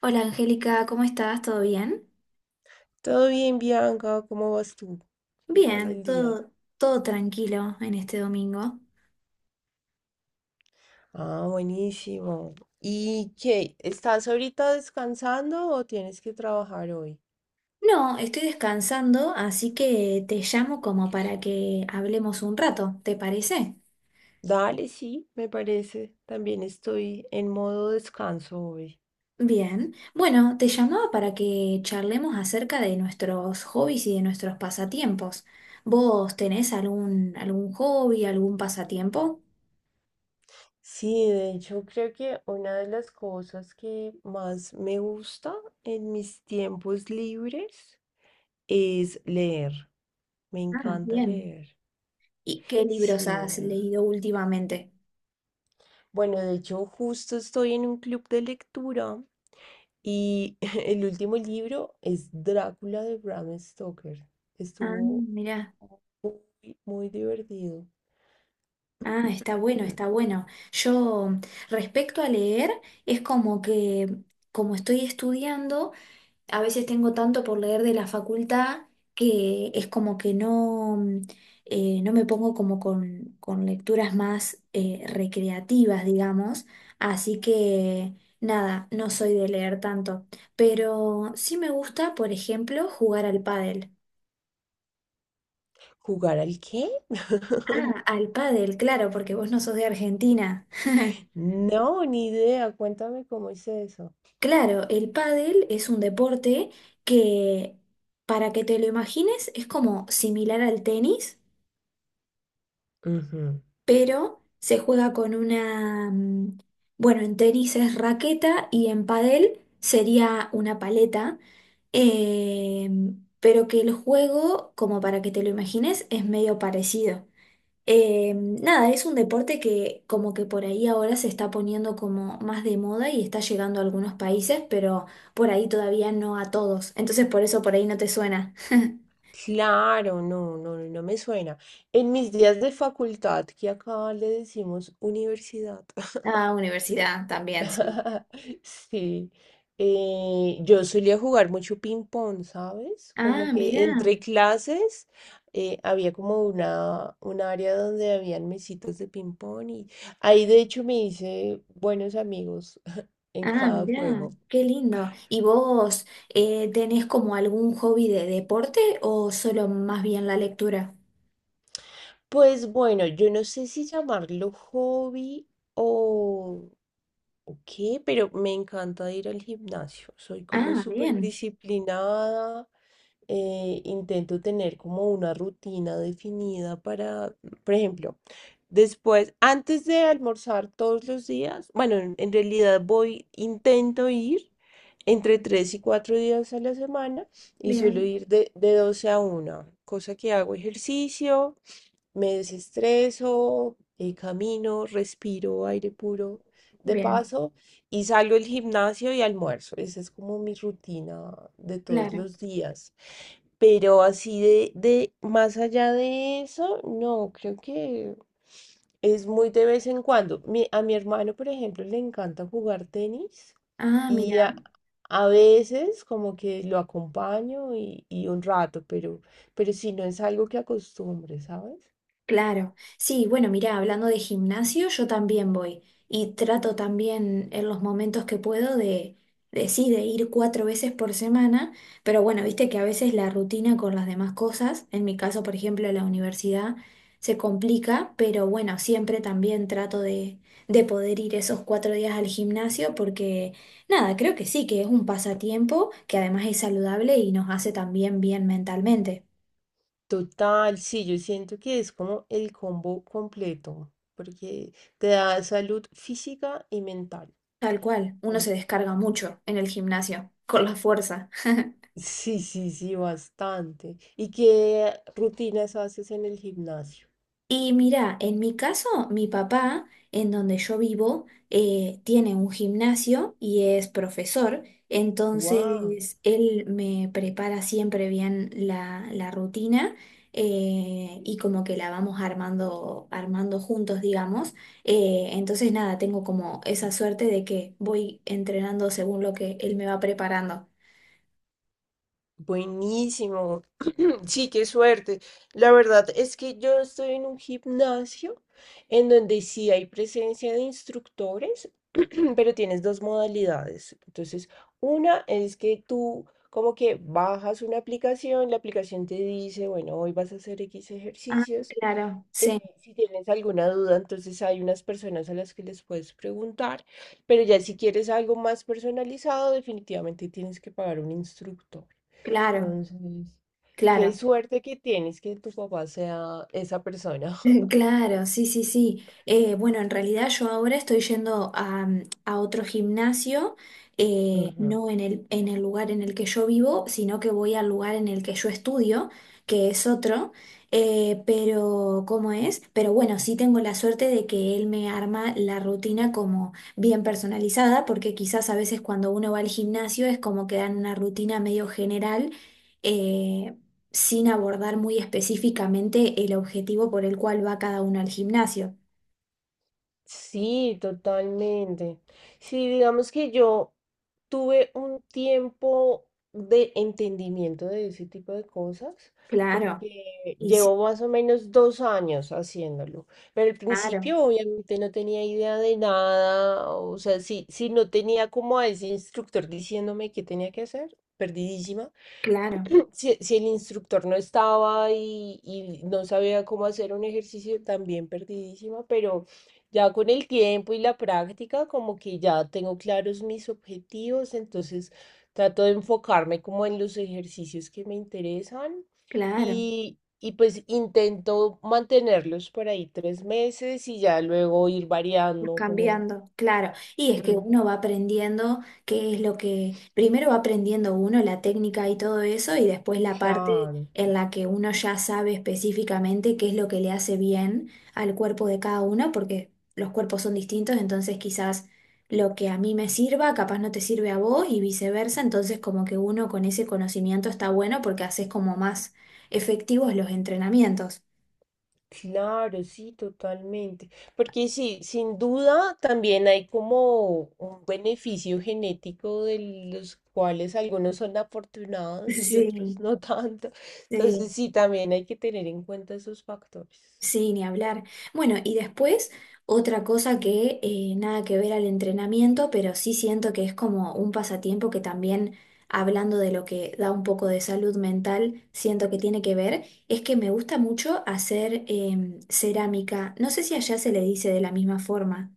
Hola Angélica, ¿cómo estás? ¿Todo bien? Todo bien, Bianca, ¿cómo vas tú? ¿Qué tal Bien, el día? todo, todo tranquilo en este domingo. Ah, buenísimo. ¿Y qué? ¿Estás ahorita descansando o tienes que trabajar hoy? No, estoy descansando, así que te llamo como para que hablemos un rato, ¿te parece? Dale, sí, me parece. También estoy en modo descanso hoy. Bien, bueno, te llamaba para que charlemos acerca de nuestros hobbies y de nuestros pasatiempos. ¿Vos tenés algún hobby, algún pasatiempo? Sí, de hecho creo que una de las cosas que más me gusta en mis tiempos libres es leer. Me Ah, encanta bien. leer. ¿Y qué Sí. libros has leído últimamente? Bueno, de hecho justo estoy en un club de lectura y el último libro es Drácula de Bram Stoker. Ah, Estuvo mira. muy, muy divertido. Ah, está bueno, Mm. está bueno. Yo, respecto a leer, es como que, como estoy estudiando, a veces tengo tanto por leer de la facultad que es como que no, no me pongo como con lecturas más recreativas, digamos. Así que, nada, no soy de leer tanto. Pero sí me gusta, por ejemplo, jugar al pádel. ¿Jugar al qué? Ah, al pádel, claro, porque vos no sos de Argentina. No, ni idea. Cuéntame cómo es eso. Claro, el pádel es un deporte que, para que te lo imagines, es como similar al tenis, Ujú. pero se juega con una, bueno, en tenis es raqueta y en pádel sería una paleta, eh, pero que el juego, como para que te lo imagines, es medio parecido. Nada, es un deporte que como que por ahí ahora se está poniendo como más de moda y está llegando a algunos países, pero por ahí todavía no a todos. Entonces por eso por ahí no te suena. Claro, no, no, no me suena. En mis días de facultad, que acá le decimos universidad, Ah, universidad también, sí. sí, yo solía jugar mucho ping-pong, ¿sabes? Como Ah, que mirá, entre clases había como un área donde habían mesitas de ping-pong y ahí de hecho me hice buenos amigos en ah, cada mirá, juego. qué lindo. ¿Y vos tenés como algún hobby de deporte o solo más bien la lectura? Pues bueno, yo no sé si llamarlo hobby. O Ok, pero me encanta ir al gimnasio. Soy como Ah, súper bien, disciplinada. Intento tener como una rutina definida para, por ejemplo, después, antes de almorzar todos los días, bueno, en realidad voy, intento ir entre 3 y 4 días a la semana y suelo bien, ir de 12 a 1, cosa que hago ejercicio, me desestreso, camino, respiro aire puro de bien, paso y salgo al gimnasio y almuerzo. Esa es como mi rutina de todos claro. los días. Pero así de más allá de eso, no, creo que es muy de vez en cuando. A mi hermano, por ejemplo, le encanta jugar tenis. Ah, Y mira. A veces como que lo acompaño y un rato, pero si no es algo que acostumbre, ¿sabes? Claro, sí, bueno, mira, hablando de gimnasio, yo también voy y trato también en los momentos que puedo de sí, de ir cuatro veces por semana, pero bueno, viste que a veces la rutina con las demás cosas, en mi caso, por ejemplo, la universidad, se complica, pero bueno, siempre también trato de poder ir esos 4 días al gimnasio porque, nada, creo que sí, que es un pasatiempo que además es saludable y nos hace también bien mentalmente. Total, sí, yo siento que es como el combo completo, porque te da salud física y mental. Tal cual, uno se Entonces, descarga mucho en el gimnasio, con la fuerza. sí, sí, sí, bastante. ¿Y qué rutinas haces en el gimnasio? Y mira, en mi caso, mi papá, en donde yo vivo, tiene un gimnasio y es profesor, ¡Wow! entonces él me prepara siempre bien la rutina y como que la vamos armando, armando juntos, digamos. Entonces nada, tengo como esa suerte de que voy entrenando según lo que él me va preparando. Buenísimo. Sí, qué suerte. La verdad es que yo estoy en un gimnasio en donde sí hay presencia de instructores, pero tienes dos modalidades. Entonces, una es que tú como que bajas una aplicación, la aplicación te dice, bueno, hoy vas a hacer X Ah, ejercicios. claro, eh, sí. si tienes alguna duda, entonces hay unas personas a las que les puedes preguntar, pero ya si quieres algo más personalizado, definitivamente tienes que pagar un instructor. Claro, Entonces, qué claro, suerte que tienes que tu papá sea esa persona. claro, sí, sí, sí. Bueno, en realidad yo ahora estoy yendo a otro gimnasio, Ujú. no en el lugar en el que yo vivo, sino que voy al lugar en el que yo estudio, que es otro, pero ¿cómo es? Pero bueno, sí tengo la suerte de que él me arma la rutina como bien personalizada, porque quizás a veces cuando uno va al gimnasio es como que dan una rutina medio general. eh, Sin abordar muy específicamente el objetivo por el cual va cada uno al gimnasio. Sí, totalmente. Sí, digamos que yo tuve un tiempo de entendimiento de ese tipo de cosas, Claro, porque y sí, llevo más o menos 2 años haciéndolo. Pero al claro, principio obviamente no tenía idea de nada, o sea, si no tenía como a ese instructor diciéndome qué tenía que hacer, perdidísima. claro, Si el instructor no estaba y no sabía cómo hacer un ejercicio, también perdidísima, pero ya con el tiempo y la práctica, como que ya tengo claros mis objetivos, entonces trato de enfocarme como en los ejercicios que me interesan claro. Y pues intento mantenerlos por ahí 3 meses y ya luego ir variando como... Cambiando, claro. Y es que Ujú. uno va aprendiendo qué es lo que, primero va aprendiendo uno la técnica y todo eso, y después la parte Claro. en la que uno ya sabe específicamente qué es lo que le hace bien al cuerpo de cada uno, porque los cuerpos son distintos, entonces quizás lo que a mí me sirva, capaz no te sirve a vos y viceversa, entonces como que uno con ese conocimiento está bueno porque haces como más efectivos los entrenamientos. Claro, sí, totalmente. Porque sí, sin duda también hay como un beneficio genético de los cuales algunos son afortunados y otros no tanto. Sí, Entonces sí. sí, también hay que tener en cuenta esos factores. Sí, ni hablar. Bueno, y después otra cosa que nada que ver al entrenamiento, pero sí siento que es como un pasatiempo que también, hablando de lo que da un poco de salud mental, siento que tiene que ver, es que me gusta mucho hacer cerámica. No sé si allá se le dice de la misma forma.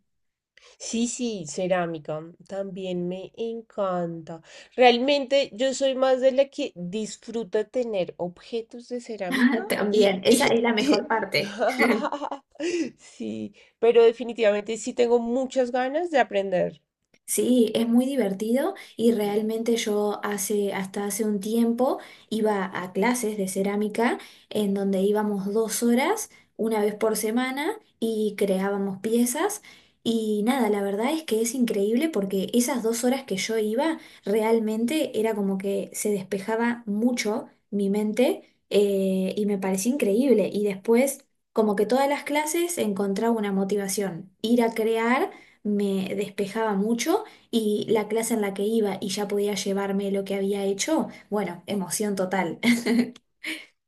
Sí, sí, cerámica también me encanta. Realmente yo soy más de la que disfruta tener objetos de cerámica y, También, esa y- es la mejor parte. sí, pero definitivamente sí tengo muchas ganas de aprender. Sí, es muy divertido y realmente yo hasta hace un tiempo iba a clases de cerámica en donde íbamos 2 horas una vez por semana y creábamos piezas y nada, la verdad es que es increíble porque esas 2 horas que yo iba realmente era como que se despejaba mucho mi mente y me parecía increíble y después como que todas las clases encontraba una motivación, ir a crear me despejaba mucho y la clase en la que iba y ya podía llevarme lo que había hecho, bueno, emoción total.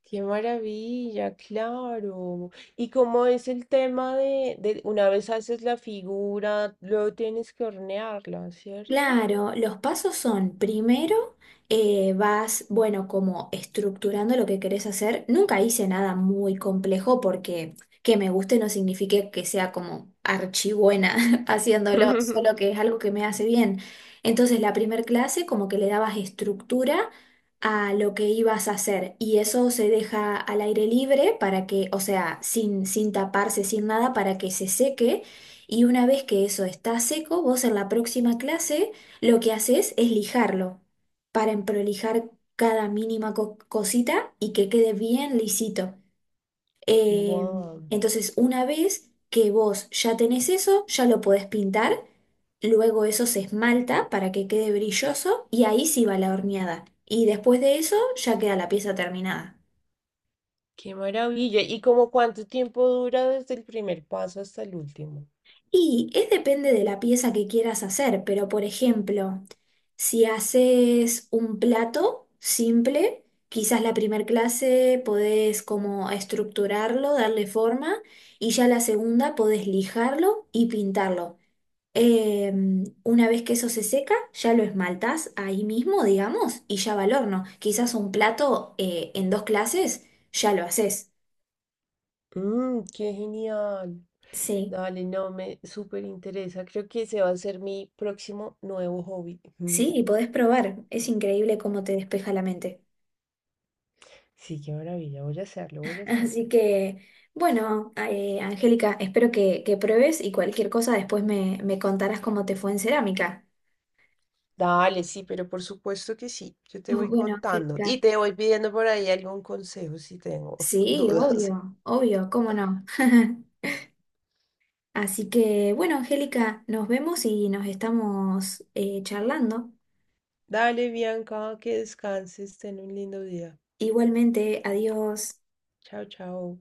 Qué maravilla, claro. ¿Y cómo es el tema de una vez haces la figura, luego tienes que hornearla, cierto? Claro, los pasos son, primero, vas, bueno, como estructurando lo que querés hacer. Nunca hice nada muy complejo porque que me guste no significa que sea como archibuena haciéndolo, solo que es algo que me hace bien. Entonces, la primer clase como que le dabas estructura a lo que ibas a hacer y eso se deja al aire libre para que, o sea, sin taparse, sin nada, para que se seque y una vez que eso está seco, vos en la próxima clase lo que haces es lijarlo para emprolijar cada mínima cosita y que quede bien lisito. Eh, Wow, entonces, una vez que vos ya tenés eso, ya lo podés pintar, luego eso se esmalta para que quede brilloso y ahí sí va la horneada. Y después de eso ya queda la pieza terminada. qué maravilla. ¿Y como cuánto tiempo dura desde el primer paso hasta el último? Y es depende de la pieza que quieras hacer, pero por ejemplo, si haces un plato simple, quizás la primer clase podés como estructurarlo, darle forma, y ya la segunda podés lijarlo y pintarlo. Eh, una vez que eso se seca, ya lo esmaltás ahí mismo, digamos, y ya va al horno. Quizás un plato en dos clases ya lo haces. Mm, qué genial. Sí, Dale, no, me súper interesa. Creo que ese va a ser mi próximo nuevo hobby. sí, y podés probar. Es increíble cómo te despeja la mente. Sí, qué maravilla. Voy a hacerlo, voy a Así hacerlo. que, bueno, Angélica, espero que pruebes y cualquier cosa después me contarás cómo te fue en cerámica. Dale, sí, pero por supuesto que sí. Yo te voy Bueno, contando Angélica, y te voy pidiendo por ahí algún consejo si tengo sí, dudas. obvio, obvio, cómo no. Así que, bueno, Angélica, nos vemos y nos estamos charlando. Dale, Bianca, que descanses, ten un lindo día. Igualmente, adiós. Chao, chao.